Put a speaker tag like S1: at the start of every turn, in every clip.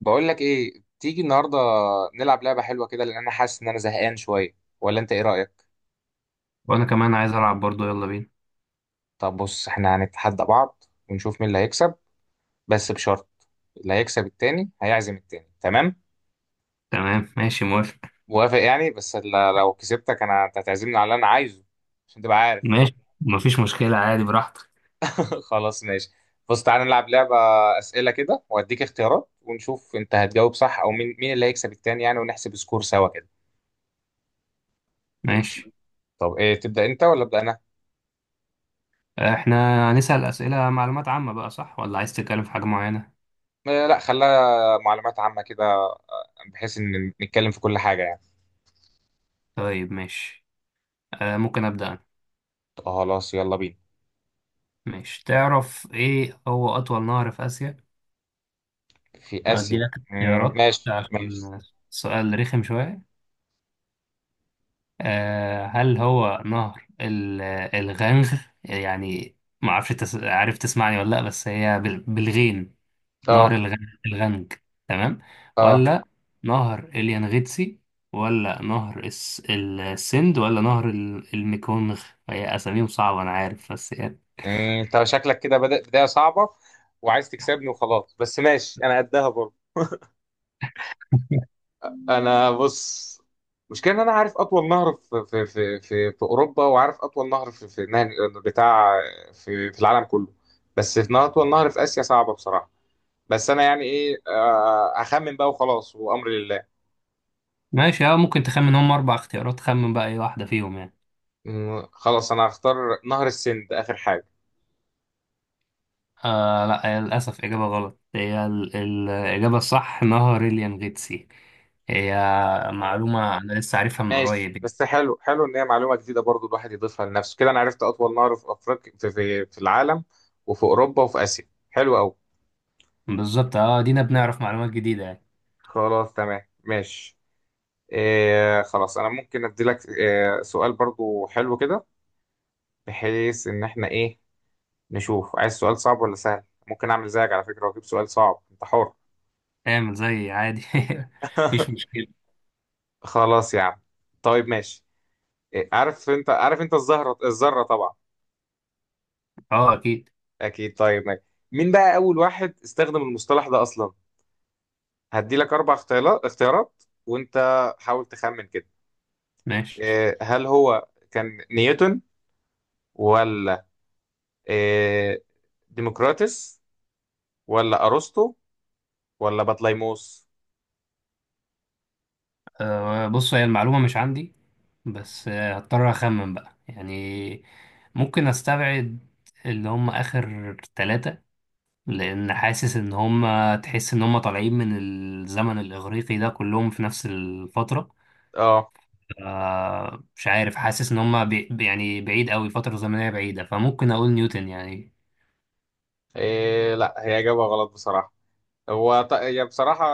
S1: بقول لك ايه، تيجي النهارده نلعب لعبه حلوه كده، لان انا حاسس ان انا زهقان شويه، ولا انت ايه رايك؟
S2: وانا كمان عايز العب برضو، يلا بينا.
S1: طب بص، احنا هنتحدى بعض ونشوف مين اللي هيكسب، بس بشرط، اللي هيكسب التاني هيعزم التاني. تمام؟
S2: تمام ماشي موافق.
S1: موافق يعني، بس لو كسبتك انا، انت هتعزمني على اللي انا عايزه، عشان تبقى عارف.
S2: ماشي مفيش مشكلة عادي براحتك.
S1: خلاص ماشي. بص تعالى نلعب لعبه، اسئله كده واديك اختيارات، ونشوف انت هتجاوب صح، او مين اللي هيكسب التاني يعني، ونحسب سكور سوا كده.
S2: ماشي،
S1: طب ايه، تبدا انت ولا ابدا انا؟
S2: احنا هنسأل أسئلة معلومات عامة بقى، صح ولا عايز تتكلم في حاجة معينة؟
S1: آه، لا خليها معلومات عامه كده، بحيث ان نتكلم في كل حاجه يعني.
S2: طيب ماشي، آه ممكن أبدأ أنا.
S1: خلاص يلا بينا.
S2: ماشي، تعرف ايه هو أطول نهر في آسيا؟
S1: في
S2: أدي
S1: اسيا،
S2: لك اختيارات
S1: ماشي ماشي.
S2: عشان سؤال رخم شوية. آه، هل هو نهر الغنغ؟ يعني عارف تسمعني ولا لأ؟ بس هي بالغين. نهر
S1: اه
S2: الغنج، تمام؟
S1: اه.
S2: ولا نهر اليانغيتسي، ولا نهر السند، ولا نهر الميكونغ؟ هي اساميهم صعبة انا عارف، بس يعني.
S1: مم، انت شكلك كده بدأ بدايه صعبه، وعايز تكسبني وخلاص، بس ماشي انا قدها برضه. انا بص، مشكلة ان انا عارف اطول نهر في اوروبا، وعارف اطول نهر في نهر بتاع في العالم كله. بس في نهر اطول نهر في اسيا صعبة بصراحة. بس انا يعني ايه، اخمن بقى وخلاص وامر لله.
S2: ماشي، اه ممكن تخمن، هم اربع اختيارات، خمن بقى اي واحدة فيهم يعني.
S1: خلاص انا هختار نهر السند اخر حاجة.
S2: آه لا، هي للاسف اجابة غلط. هي الاجابة الصح نهر اليانغيتسي. هي
S1: آه.
S2: معلومة انا لسه عارفها من
S1: ماشي،
S2: قريب يعني.
S1: بس حلو حلو ان هي معلومه جديده برضو، الواحد يضيفها لنفسه كده. انا عرفت اطول نهر في افريقيا، في العالم وفي اوروبا وفي اسيا، حلو قوي.
S2: بالظبط، اه دينا بنعرف معلومات جديدة يعني.
S1: خلاص تمام ماشي. إيه خلاص، انا ممكن ادي لك إيه سؤال برضو حلو كده، بحيث ان احنا ايه، نشوف عايز سؤال صعب ولا سهل. ممكن اعمل زيك على فكره واجيب سؤال صعب، انت حر.
S2: اعمل زي عادي مفيش مشكلة.
S1: خلاص يا عم، طيب ماشي. إيه، عارف انت الزهره الذره طبعا.
S2: اه اكيد.
S1: اكيد طيب ماشي. مين بقى اول واحد استخدم المصطلح ده اصلا؟ هدي لك اربع اختيارات وانت حاول تخمن كده.
S2: ماشي،
S1: إيه، هل هو كان نيوتن، ولا إيه، ديموكراتس، ولا ارسطو، ولا بطليموس؟
S2: أه بص، هي المعلومة مش عندي، بس هضطر أخمن بقى يعني. ممكن أستبعد اللي هم آخر ثلاثة، لأن حاسس إن هم، تحس إن هم طالعين من الزمن الإغريقي، ده كلهم في نفس الفترة.
S1: اه.
S2: أه مش عارف، حاسس إن هم يعني بعيد أوي، فترة زمنية بعيدة، فممكن أقول نيوتن يعني.
S1: لا، هي اجابه غلط بصراحه. هي بصراحه،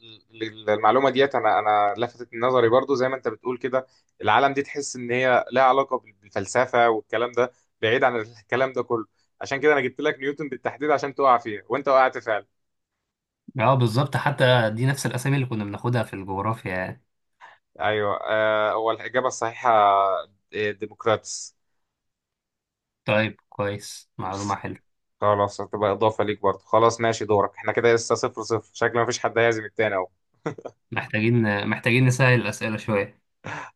S1: المعلومه ديت، انا انا لفتت نظري برضو، زي ما انت بتقول كده، العالم دي تحس ان هي لها علاقه بالفلسفه والكلام ده، بعيد عن الكلام ده كله. عشان كده انا جبت لك نيوتن بالتحديد عشان تقع فيها وانت وقعت فعلا.
S2: اه بالظبط، حتى دي نفس الأسامي اللي كنا بناخدها في الجغرافيا يعني.
S1: ايوه، هو الاجابه الصحيحه ديموكراتس.
S2: طيب كويس، معلومة حلوة.
S1: خلاص هتبقى اضافه ليك برضه. خلاص ماشي دورك. احنا كده لسه صفر صفر، شكل مفيش حد هيعزم التاني اهو.
S2: محتاجين نسهل الأسئلة شوية.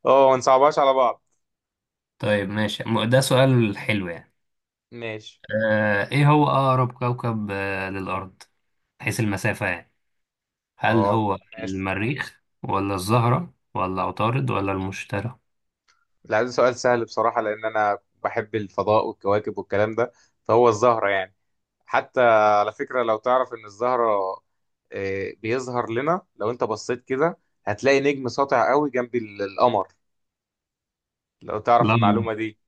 S1: اه، ما نصعبهاش على بعض.
S2: طيب ماشي، ده سؤال حلو يعني.
S1: ماشي
S2: آه ايه هو اقرب كوكب للارض، حيث المسافة يعني؟ هل
S1: اه
S2: هو
S1: ماشي.
S2: المريخ، ولا الزهرة، ولا عطارد، ولا المشتري؟
S1: لا ده سؤال سهل بصراحه، لان انا بحب الفضاء والكواكب والكلام ده، فهو الزهره يعني. حتى على فكره، لو تعرف ان الزهره، بيظهر لنا لو انت بصيت كده، هتلاقي نجم ساطع قوي جنب القمر، لو تعرف
S2: لا والله،
S1: المعلومه دي.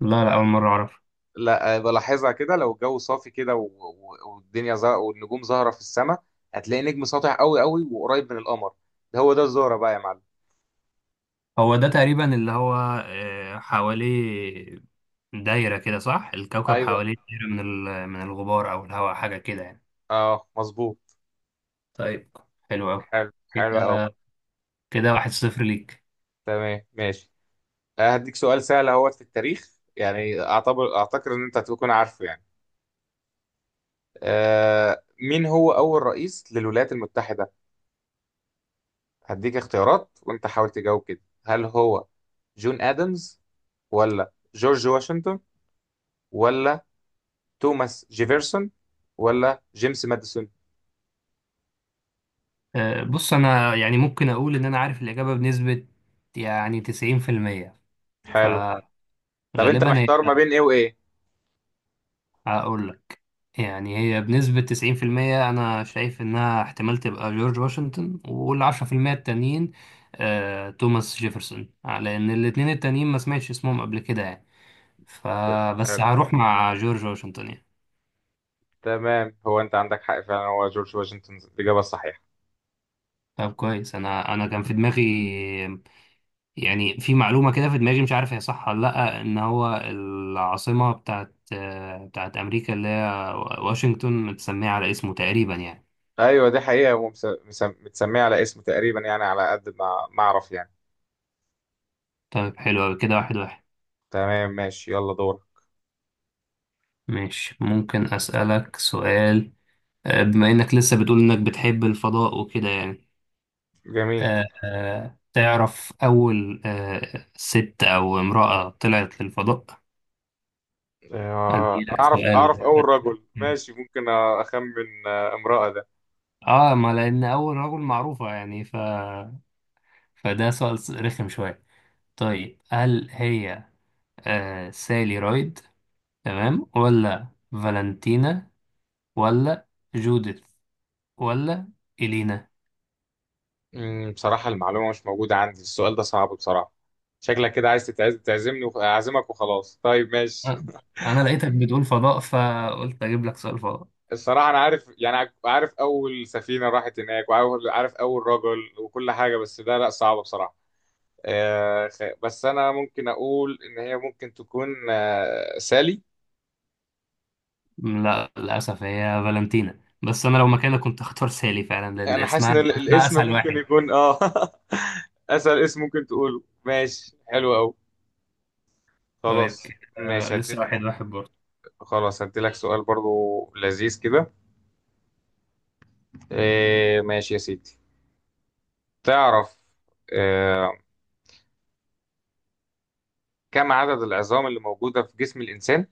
S2: لا لا، اول مرة اعرف.
S1: لا بلاحظها كده، لو الجو صافي كده، والدنيا والنجوم ظاهرة في السماء، هتلاقي نجم ساطع قوي قوي وقريب من القمر، ده هو ده الزهرة بقى يا معلم.
S2: هو ده تقريبا اللي هو، آه حواليه دايرة كده صح؟ الكوكب
S1: ايوه،
S2: حواليه دايرة من من الغبار او الهواء، حاجة كده يعني.
S1: اه مظبوط.
S2: طيب حلو قوي
S1: حلو، حلو قوي.
S2: كده، كده واحد صفر ليك.
S1: تمام ماشي. هديك سؤال سهل اهوت في التاريخ، يعني اعتبر اعتقد ان انت هتكون عارفه يعني. مين هو اول رئيس للولايات المتحدة؟ هديك اختيارات وانت حاول تجاوب كده. هل هو جون ادمز، ولا جورج واشنطن، ولا توماس جيفرسون، ولا جيمس ماديسون؟
S2: بص انا يعني ممكن اقول ان انا عارف الاجابه بنسبه يعني 90%،
S1: حلو.
S2: فغالبا
S1: طب انت
S2: هي،
S1: محتار ما بين ايه وايه؟
S2: هقول لك، يعني هي بنسبه 90%، انا شايف انها احتمال تبقى جورج واشنطن، وال 10% التانيين توماس جيفرسون، لان الاتنين التانيين ما سمعتش اسمهم قبل كده يعني، فبس
S1: حلو.
S2: هروح مع جورج واشنطن يعني.
S1: تمام، هو انت عندك حق فعلا، هو جورج واشنطن الاجابه الصحيحه.
S2: طب كويس، انا كان في دماغي يعني، في معلومة كده في دماغي مش عارف هي صح ولا لأ، إن هو العاصمة بتاعت، بتاعت أمريكا اللي هي واشنطن، متسمية على اسمه تقريبا يعني.
S1: ايوه دي حقيقه، ومس- مس- مس- متسميه على اسمه تقريبا يعني، على قد ما اعرف يعني.
S2: طيب حلو أوي، كده واحد واحد.
S1: تمام ماشي يلا دور.
S2: ماشي، ممكن أسألك سؤال؟ بما إنك لسه بتقول إنك بتحب الفضاء وكده يعني،
S1: جميل.
S2: تعرف أول ست أو امرأة طلعت للفضاء؟
S1: انا
S2: أديلك
S1: اعرف
S2: سؤال
S1: اول
S2: بقى.
S1: رجل، ماشي ممكن اخمن. امرأة ده.
S2: اه، ما لان اول رجل معروفه يعني، ف فده سؤال رخم شويه. طيب هل هي آه سالي رايد تمام، ولا فالنتينا، ولا جوديث، ولا إلينا؟
S1: بصراحة المعلومة مش موجودة عندي، السؤال ده صعب بصراحة. شكلك كده عايز تعزمني وخ- اعزمك وخلاص، طيب ماشي.
S2: أ- أنا لقيتك بتقول فضاء فقلت أجيب لك سؤال فضاء.
S1: الصراحة أنا عارف، يعني عارف أول سفينة راحت هناك، وعارف أول رجل وكل حاجة، بس ده لأ صعبة بصراحة. بس أنا ممكن أقول إن هي ممكن تكون، سالي.
S2: لا للأسف هي فالنتينا، بس أنا لو مكانك كنت هختار سالي فعلا، لأن
S1: أنا حاسس
S2: اسمها
S1: إن
S2: اسمها
S1: الاسم
S2: أسهل
S1: ممكن
S2: واحد.
S1: يكون أسهل اسم ممكن تقوله، ماشي حلو أوي. خلاص.
S2: طيب كده، آه
S1: ماشي
S2: لسه
S1: هديت.
S2: واحد واحد برضه.
S1: خلاص هديلك سؤال برضو لذيذ كده. ماشي يا سيدي. تعرف، آه، كم عدد العظام اللي موجودة في جسم الإنسان؟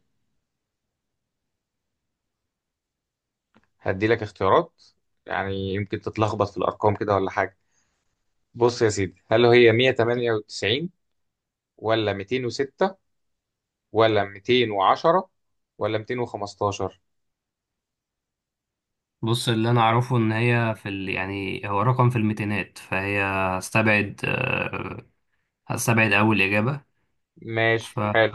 S1: هدي لك اختيارات، يعني يمكن تتلخبط في الأرقام كده ولا حاجة. بص يا سيدي، هل هي 198 ولا 206 ولا 210 ولا 215؟
S2: بص اللي أنا أعرفه إن هي في يعني هو رقم في الميتينات، فهي هستبعد آه، هستبعد أول إجابة.
S1: ماشي
S2: ف
S1: حلو.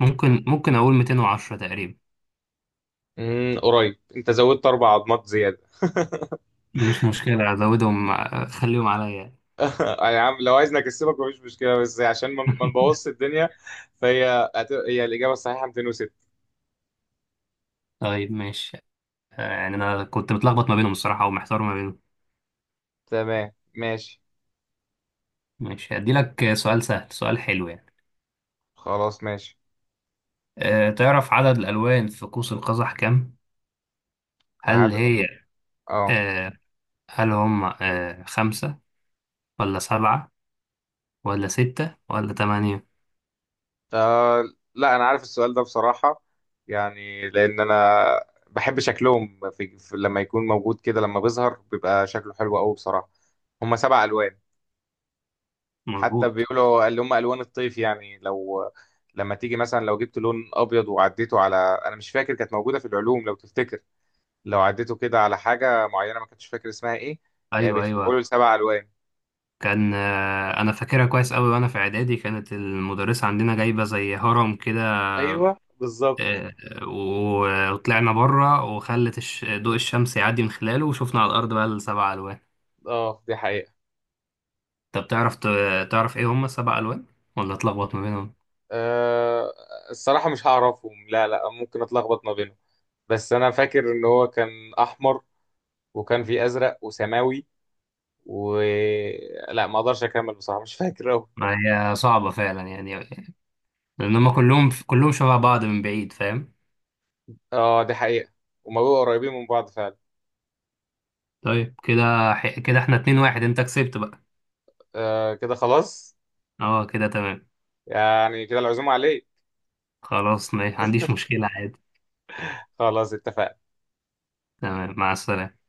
S2: ممكن اقول 210 تقريبا.
S1: قريب، انت زودت اربع عضمات زيادة.
S2: مش مشكلة ازودهم خليهم عليا.
S1: يا عم، لو عايزني اكسبك مفيش مشكلة، بس عشان ما نبوظش الدنيا. فهي هت- هي الإجابة الصحيحة 206.
S2: طيب ماشي، يعني انا كنت متلخبط ما بينهم الصراحة، ومحتار ما بينهم.
S1: تمام ماشي.
S2: ماشي، هدي لك سؤال سهل، سؤال حلو يعني.
S1: خلاص ماشي.
S2: أه تعرف عدد الالوان في قوس القزح كام؟ هل
S1: عاد
S2: هي
S1: اه.
S2: أه، هل هم أه خمسة، ولا سبعة، ولا ستة، ولا تمانية؟
S1: آه لا، انا عارف السؤال ده بصراحه، يعني لان انا بحب شكلهم لما يكون موجود كده، لما بيظهر بيبقى شكله حلو قوي بصراحه. هم سبع الوان. حتى
S2: مظبوط.
S1: بيقولوا اللي هم الوان الطيف يعني، لو لما تيجي مثلا لو جبت لون ابيض وعديته على، انا مش فاكر كانت موجوده في العلوم لو تفتكر، لو عديته كده على حاجه معينه، ما كنتش فاكر اسمها ايه.
S2: ايوه ايوه،
S1: بيتحولوا لسبع الوان.
S2: كان انا فاكرها كويس قوي، وانا في اعدادي كانت المدرسة عندنا جايبة زي هرم كده،
S1: ايوه بالظبط،
S2: آه، وطلعنا بره وخلت ضوء الشمس يعدي من خلاله، وشفنا على الأرض بقى السبع ألوان.
S1: اه دي حقيقه.
S2: طب تعرف تعرف إيه هم السبع ألوان، ولا اتلخبط ما بينهم؟
S1: أه الصراحه مش هعرفهم، لا لا ممكن اتلخبط ما بينهم. بس انا فاكر ان هو كان احمر، وكان في ازرق وسماوي، و لا، ما اقدرش اكمل بصراحه مش فاكر أوي.
S2: ما هي صعبة فعلا يعني، لأن هم كلهم شبه بعض من بعيد، فاهم؟
S1: اه دي حقيقه، هما بيبقوا قريبين من بعض فعلا.
S2: طيب كده، كده احنا اتنين واحد، أنت كسبت بقى.
S1: آه كده خلاص.
S2: اه كده تمام،
S1: يعني كده العزومه عليه.
S2: خلاص ما عنديش مشكلة عادي.
S1: خلاص اتفقنا.
S2: تمام مع السلامة.